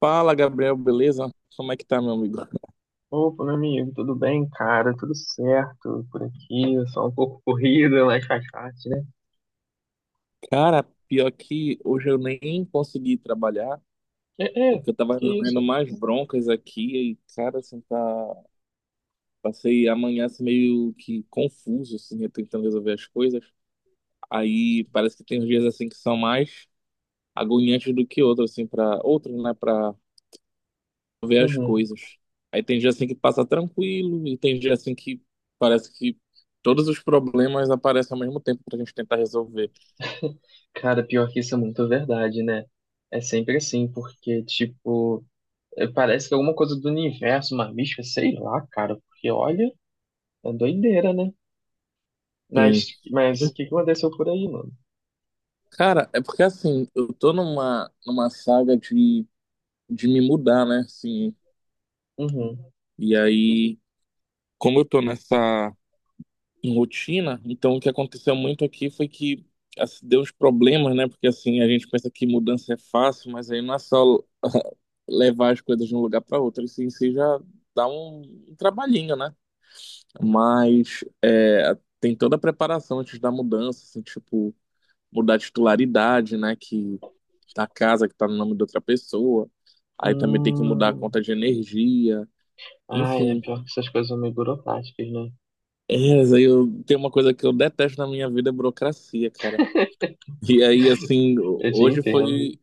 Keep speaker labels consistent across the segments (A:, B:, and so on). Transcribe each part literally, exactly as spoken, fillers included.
A: Fala, Gabriel, beleza? Como é que tá, meu amigo?
B: Opa, meu amigo, tudo bem, cara? Tudo certo por aqui? Só um pouco corrida, mas faz parte, né?
A: Cara, pior que hoje eu nem consegui trabalhar,
B: É, é,
A: porque eu tava
B: que
A: resolvendo
B: isso?
A: mais broncas aqui e, cara, assim, tá... passei amanhã assim, meio que confuso, assim, eu tentando resolver as coisas. Aí parece que tem uns dias, assim, que são mais agoniantes do que outros, assim, para outros, né, pra ver as
B: Uhum.
A: coisas. Aí tem dia, assim, que passa tranquilo e tem dia, assim, que parece que todos os problemas aparecem ao mesmo tempo pra gente tentar resolver.
B: Cara, pior que isso é muito verdade, né? É sempre assim, porque, tipo, é, parece que é alguma coisa do universo, uma mística, sei lá, cara, porque olha, é doideira, né? Mas,
A: Sim.
B: mas o que que aconteceu por aí, mano?
A: Cara, é porque assim, eu tô numa, numa saga de, de me mudar, né? Assim,
B: Uhum.
A: e aí, como eu tô nessa rotina, então o que aconteceu muito aqui foi que assim, deu uns problemas, né? Porque assim, a gente pensa que mudança é fácil, mas aí não é só levar as coisas de um lugar para outro, isso em si já dá um, um trabalhinho, né? Mas é, tem toda a preparação antes da mudança, assim, tipo. Mudar a titularidade, né? Que da casa que tá no nome de outra pessoa. Aí também tem que mudar a
B: Hum.
A: conta de energia.
B: Ah, é
A: Enfim.
B: pior que essas coisas são meio burocráticas, né?
A: É, mas aí eu tem uma coisa que eu detesto na minha vida, é burocracia, cara. E aí, assim,
B: Eu te
A: hoje
B: entendo.
A: foi,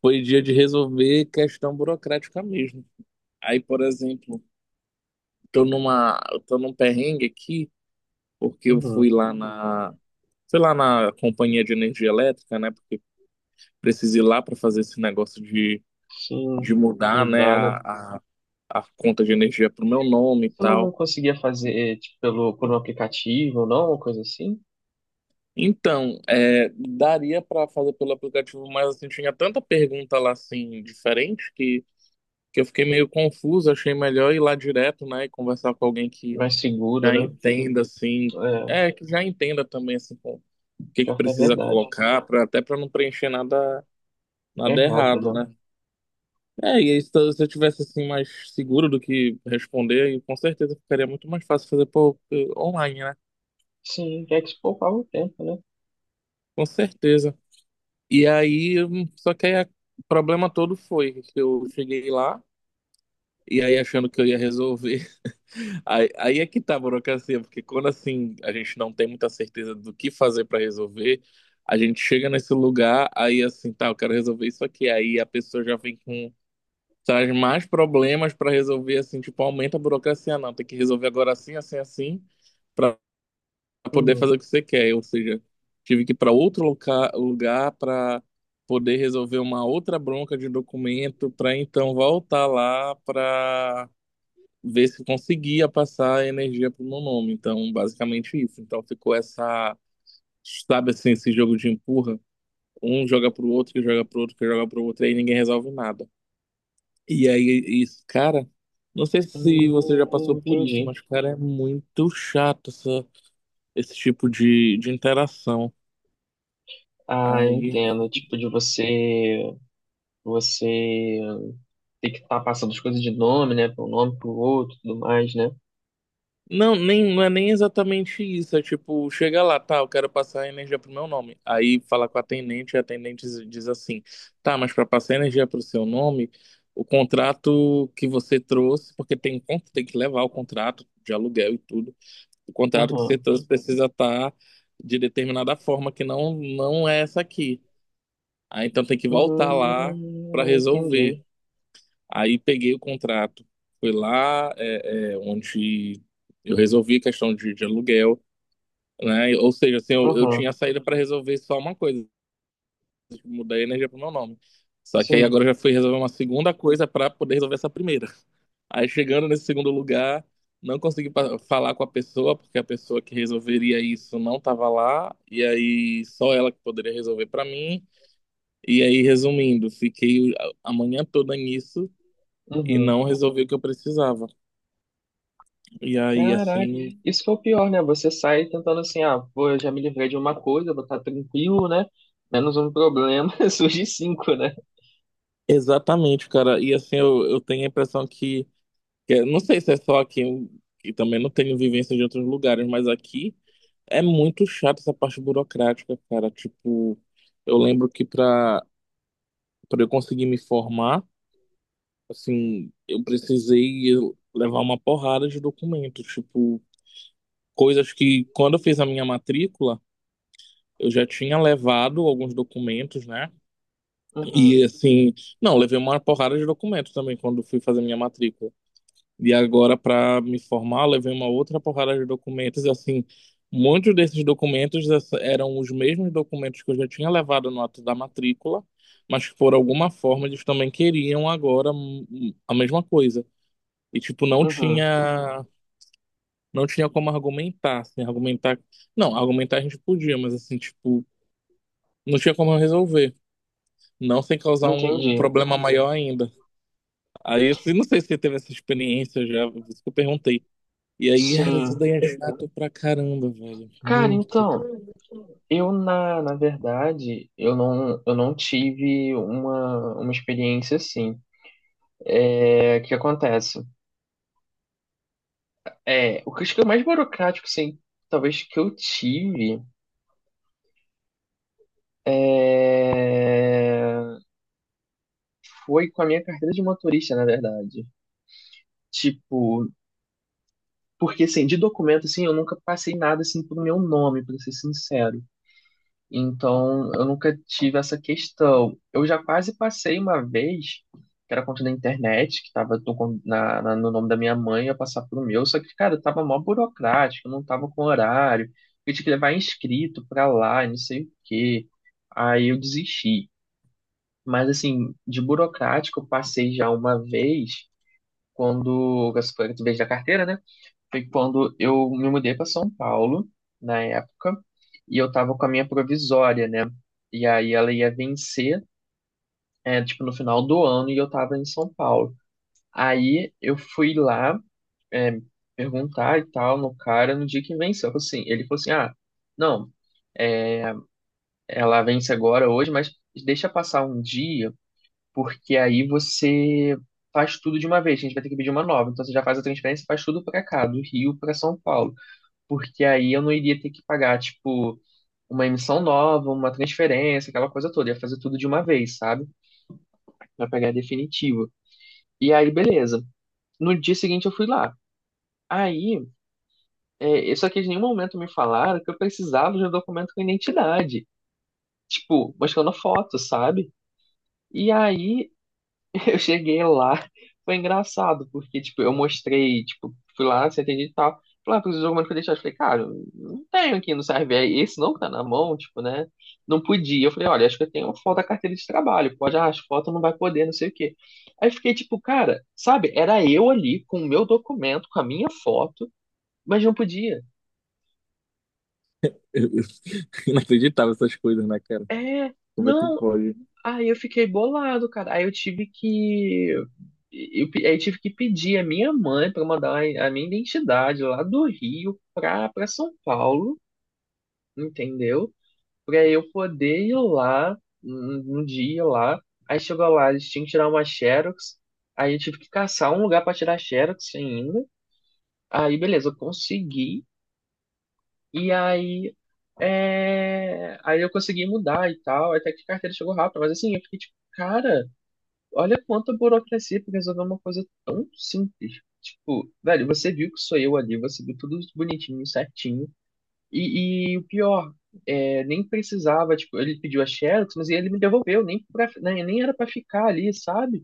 A: foi dia de resolver questão burocrática mesmo. Aí, por exemplo, tô numa, eu tô num perrengue aqui, porque eu
B: Uhum.
A: fui lá na, fui lá na companhia de energia elétrica, né? Porque precisei ir lá para fazer esse negócio de,
B: Sim,
A: de mudar, né,
B: mudar, né?
A: a, a a conta de energia para o meu nome e
B: Eu não
A: tal.
B: conseguia fazer, eh, tipo, pelo, por um aplicativo ou não, uma coisa assim.
A: Então, é, daria para fazer pelo aplicativo, mas assim, tinha tanta pergunta lá assim, diferente, que, que eu fiquei meio confuso, achei melhor ir lá direto, né, e conversar com alguém que
B: Mais seguro,
A: já
B: né?
A: entenda, assim,
B: É,
A: é, que já entenda também, assim, com o que que
B: pior que é
A: precisa
B: verdade.
A: colocar, pra, até para não preencher nada,
B: É
A: nada
B: Errado,
A: errado,
B: né?
A: né. É, e aí, se eu se eu tivesse assim mais seguro do que responder, aí, com certeza ficaria muito mais fácil fazer por, por online, né?
B: Sim, é que se poupava o tempo, né?
A: Com certeza. E aí, só que aí a- o problema todo foi que eu cheguei lá e aí achando que eu ia resolver. Aí, aí é que tá a burocracia, porque quando assim a gente não tem muita certeza do que fazer para resolver, a gente chega nesse lugar, aí assim, tá, eu quero resolver isso aqui. Aí a pessoa já vem com traz mais problemas para resolver assim, tipo, aumenta a burocracia, não, tem que resolver agora assim, assim, assim para poder
B: Uhum.
A: fazer o que você quer. Ou seja, tive que ir para outro loca- lugar para poder resolver uma outra bronca de documento, para então voltar lá para ver se conseguia passar a energia para o meu nome. Então, basicamente isso. Então, ficou essa, sabe assim, esse jogo de empurra. Um joga pro outro, que joga pro outro, que joga pro outro, e aí ninguém resolve nada. E aí, isso, cara, não sei se você já
B: Hum,
A: passou por isso,
B: entendi.
A: mas, cara, é muito chato essa, esse tipo de, de interação.
B: Ah,
A: Aí.
B: entendo. Tipo, de você, você ter que estar passando as coisas de nome, né? Para um nome, para o outro, e tudo mais, né?
A: Não, nem, não é nem exatamente isso. É tipo, chega lá, tá, eu quero passar a energia pro meu nome. Aí fala com a atendente, e a atendente diz diz assim: tá, mas para passar a energia pro seu nome, o contrato que você trouxe, porque tem, con- tem que levar o contrato de aluguel e tudo, o contrato que você
B: Uhum.
A: trouxe precisa estar de determinada forma, que não, não é essa aqui. Aí então tem que voltar lá para
B: Hum,
A: resolver.
B: entendi.
A: Aí peguei o contrato, fui lá, é, é, onde eu resolvi a questão de, de aluguel, né? Ou seja, assim, eu, eu
B: Uhum.
A: tinha saída para resolver só uma coisa, tipo, mudar a energia pro meu nome. Só que aí
B: Sim.
A: agora eu já fui resolver uma segunda coisa para poder resolver essa primeira. Aí chegando nesse segundo lugar, não consegui pa- falar com a pessoa, porque a pessoa que resolveria isso não estava lá, e aí só ela que poderia resolver para mim. E aí, resumindo, fiquei a a manhã toda nisso e
B: Uhum.
A: não resolvi o que eu precisava. E aí,
B: Caraca,
A: assim,
B: isso foi o pior, né? Você sai tentando assim, ah, pô, eu já me livrei de uma coisa, vou estar tranquilo, né? Menos um problema, surge cinco, né?
A: exatamente, cara. E assim, eu, eu tenho a impressão que, que é- não sei se é só aqui, e também não tenho vivência de outros lugares, mas aqui é muito chato essa parte burocrática, cara. Tipo, eu lembro que pra, pra eu conseguir me formar, assim, eu precisei levar uma porrada de documentos, tipo, coisas que quando eu fiz a minha matrícula, eu já tinha levado alguns documentos, né?
B: Uhum,
A: E assim, não, levei uma porrada de documento também quando fui fazer minha matrícula. E agora, para me formar, levei uma outra porrada de documentos. E assim, muitos desses documentos essa- eram os mesmos documentos que eu já tinha levado no ato da matrícula, mas que por alguma forma eles também queriam agora hum, hum, a mesma coisa. E tipo, não
B: uhum,
A: tinha, não tinha como argumentar, assim, argumentar. Não, argumentar a gente podia, mas assim, tipo, não tinha como resolver. Não sem causar um um
B: entendi.
A: problema maior ainda. Aí eu não sei se você teve essa experiência já, por isso que eu perguntei. E aí, cara, isso
B: Sim.
A: daí é chato pra caramba, velho.
B: Cara,
A: Muito.
B: então, eu na, na verdade, eu não, eu não tive uma, uma experiência assim. É, o que acontece? É, o que eu acho que é o mais burocrático, assim, talvez que eu tive é, foi com a minha carteira de motorista, na verdade. Tipo, porque, assim, de documento, assim, eu nunca passei nada, assim, pro meu nome, para ser sincero. Então, eu nunca tive essa questão. Eu já quase passei uma vez, que era conta da internet, que tava no, con- na, na- no nome da minha mãe, ia passar pro meu, só que, cara, tava mó burocrático, não tava com horário, eu tinha que levar inscrito pra lá, e não sei o quê. Aí eu desisti. Mas, assim, de burocrático, eu passei já uma vez, quando, essa foi a vez da carteira, né? Foi quando eu me mudei para São Paulo, na época, e eu tava com a minha provisória, né? E aí ela ia vencer, é, tipo, no final do ano, e eu tava em São Paulo. Aí eu fui lá, é, perguntar e tal no cara no dia que venceu. Eu falei assim, ele falou assim: ah, não, é, ela vence agora hoje, mas deixa passar um dia, porque aí você faz tudo de uma vez. A gente vai ter que pedir uma nova. Então você já faz a transferência, faz tudo para cá, do Rio para São Paulo, porque aí eu não iria ter que pagar, tipo, uma emissão nova, uma transferência, aquela coisa toda. Ia fazer tudo de uma vez, sabe? Pra pegar definitivo. E aí, beleza. No dia seguinte eu fui lá. Aí, é, só que em nenhum momento me falaram que eu precisava de um documento com identidade. Tipo, mostrando a foto, sabe? E aí eu cheguei lá, foi engraçado, porque, tipo, eu mostrei, tipo, fui lá, se atendi e tal. Falei, ah, preciso de alguma coisa pra deixar. Eu falei, cara, eu não tenho aqui no serve. Aí, esse não que tá na mão, tipo, né? Não podia. Eu falei, olha, acho que eu tenho uma foto da carteira de trabalho. Pode, ah, as fotos não vai poder, não sei o quê. Aí fiquei, tipo, cara, sabe? Era eu ali com o meu documento, com a minha foto, mas não podia.
A: Eu- eu- Inacreditável essas coisas, né, cara?
B: É,
A: Como é que
B: não,
A: pode?
B: aí eu fiquei bolado, cara. Aí eu tive que. Eu, pe- aí eu tive que pedir a minha mãe para mandar a minha identidade lá do Rio pra, pra São Paulo, entendeu? Pra eu poder ir lá um, um dia lá. Aí chegou lá, eles tinham que tirar uma Xerox. Aí eu tive que caçar um lugar pra tirar Xerox ainda. Aí beleza, eu consegui. E aí. É, aí eu consegui mudar e tal. Até que a carteira chegou rápido. Mas assim, eu fiquei tipo, cara. Olha quanta burocracia pra resolver uma coisa tão simples. Tipo, velho, você viu que sou eu ali, você viu tudo bonitinho, certinho. E, e o pior, é, nem precisava, tipo, ele pediu a Xerox, mas ele me devolveu, nem, pra, nem, nem era pra ficar ali, sabe?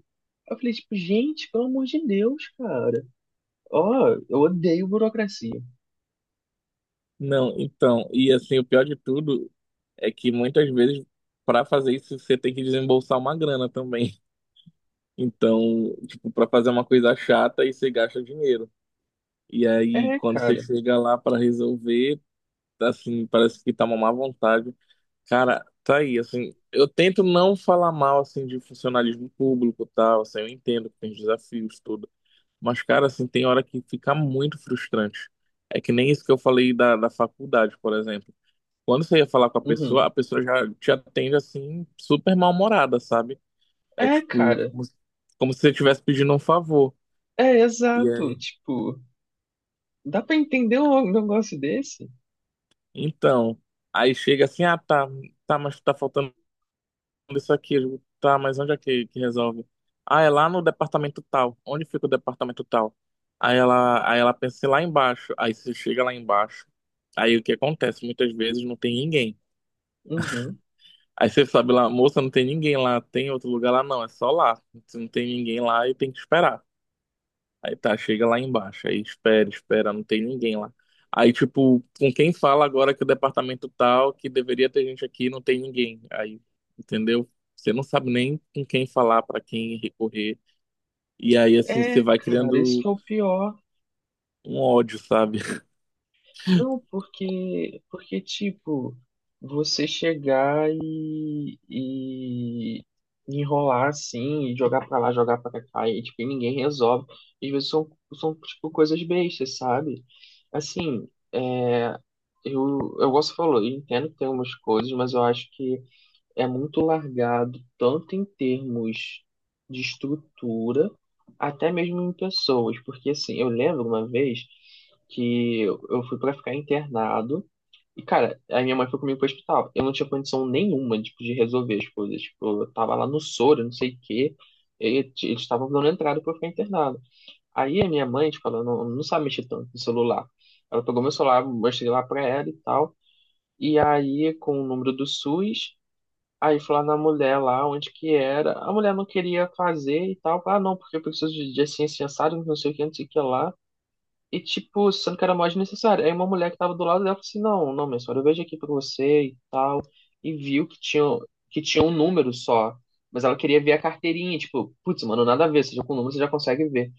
B: Eu falei, tipo, gente, pelo amor de Deus, cara. Ó, eu odeio burocracia.
A: Não, então, e assim, o pior de tudo é que muitas vezes, pra fazer isso, você tem que desembolsar uma grana também. Então, tipo, pra fazer uma coisa chata, aí você gasta dinheiro. E aí,
B: É,
A: quando você
B: cara.
A: chega lá pra resolver, assim, parece que tá uma má vontade. Cara, tá aí, assim, eu tento não falar mal, assim, de funcionalismo público e tal, assim, eu entendo que tem os desafios, tudo, mas, cara, assim, tem hora que fica muito frustrante. É que nem isso que eu falei da, da faculdade, por exemplo. Quando você ia falar com a pessoa,
B: Uhum.
A: a pessoa já te atende, assim, super mal-humorada, sabe? É
B: É,
A: tipo,
B: cara.
A: como, se- como se você estivesse pedindo um favor.
B: É,
A: E
B: exato.
A: aí,
B: Tipo, dá pra entender um negócio desse?
A: então, aí chega assim, ah, tá, tá, mas tá faltando isso aqui, eu digo, tá, mas onde é que, que resolve? Ah, é lá no departamento tal. Onde fica o departamento tal? Aí ela, aí ela pensa "É lá embaixo. Aí você chega lá embaixo. Aí o que acontece? Muitas vezes não tem ninguém.
B: Uhum.
A: Aí você sabe lá, moça, não tem ninguém lá, tem outro lugar lá, não, é só lá. Não tem ninguém lá e tem que esperar. Aí tá, chega lá embaixo, aí espera, espera, não tem ninguém lá. Aí, tipo, com quem fala agora que o departamento tal, que deveria ter gente aqui, não tem ninguém. Aí, entendeu? Você não sabe nem com quem falar, pra quem recorrer. E aí, assim, você
B: É,
A: vai
B: cara, isso que
A: criando
B: é o pior.
A: um ódio, sabe?
B: Não, porque, porque tipo, você chegar e, e enrolar assim, e jogar pra lá, jogar pra cá, e tipo, e ninguém resolve. Às vezes são, são tipo, coisas bestas, sabe? Assim, é, eu, eu gosto, falou, eu entendo que tem umas coisas, mas eu acho que é muito largado, tanto em termos de estrutura, até mesmo em pessoas, porque assim, eu lembro uma vez que eu eu fui pra ficar internado e, cara, a minha mãe foi comigo pro hospital. Eu não tinha condição nenhuma, tipo, de resolver as coisas. Tipo, eu tava lá no soro, não sei o quê, e t- eles estavam dando entrada pra eu ficar internado. Aí a minha mãe, tipo, ela não, não sabe mexer tanto no celular. Ela pegou meu celular, mostrei lá pra ela e tal. E aí, com o número do SUS, aí fui lá na mulher lá, onde que era. A mulher não queria fazer e tal. Ah, não, porque eu preciso de, de assim, assim, assado, não sei o que, não sei o que lá. E, tipo, sendo que era mais necessário. Aí uma mulher que tava do lado dela falou assim, não, não, minha senhora, eu vejo aqui pra você e tal. E viu que tinha, que tinha um número só. Mas ela queria ver a carteirinha, tipo, putz, mano, nada a ver. Seja com o número, você já consegue ver.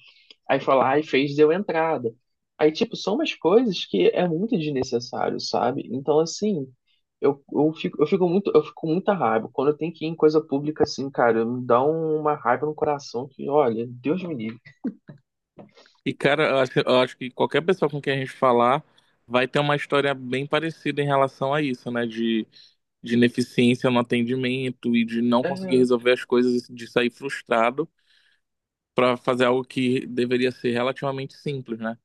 B: Aí foi lá e fez, deu entrada. Aí, tipo, são umas coisas que é muito desnecessário, sabe? Então, assim, eu, eu fico, eu fico muito, eu fico com muita raiva. Quando eu tenho que ir em coisa pública, assim, cara, me dá uma raiva no coração que, olha, Deus me livre.
A: E, cara, eu acho, eu acho que qualquer pessoa com quem a gente falar vai ter uma história bem parecida em relação a isso, né? De, de ineficiência no atendimento e de não conseguir
B: É,
A: resolver as coisas, de sair frustrado para fazer algo que deveria ser relativamente simples, né?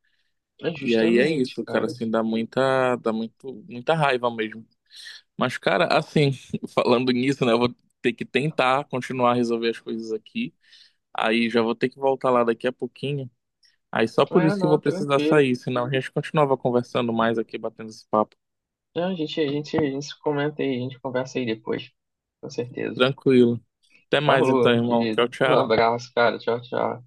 B: é
A: E aí é
B: justamente,
A: isso, cara,
B: cara.
A: assim, dá muita, dá muito, muita raiva mesmo. Mas, cara, assim, falando nisso, né, eu vou ter que tentar continuar a resolver as coisas aqui. Aí já vou ter que voltar lá daqui a pouquinho. Aí só por
B: É,
A: isso que eu vou
B: não,
A: precisar
B: tranquilo.
A: sair, senão a gente continuava conversando mais aqui, batendo esse papo.
B: É, a gente, a gente, a gente se comenta aí, a gente conversa aí depois. Com certeza.
A: Tranquilo. Até mais
B: Falou,
A: então,
B: meu
A: irmão.
B: querido.
A: Tchau,
B: Um
A: tchau.
B: abraço, cara. Tchau, tchau.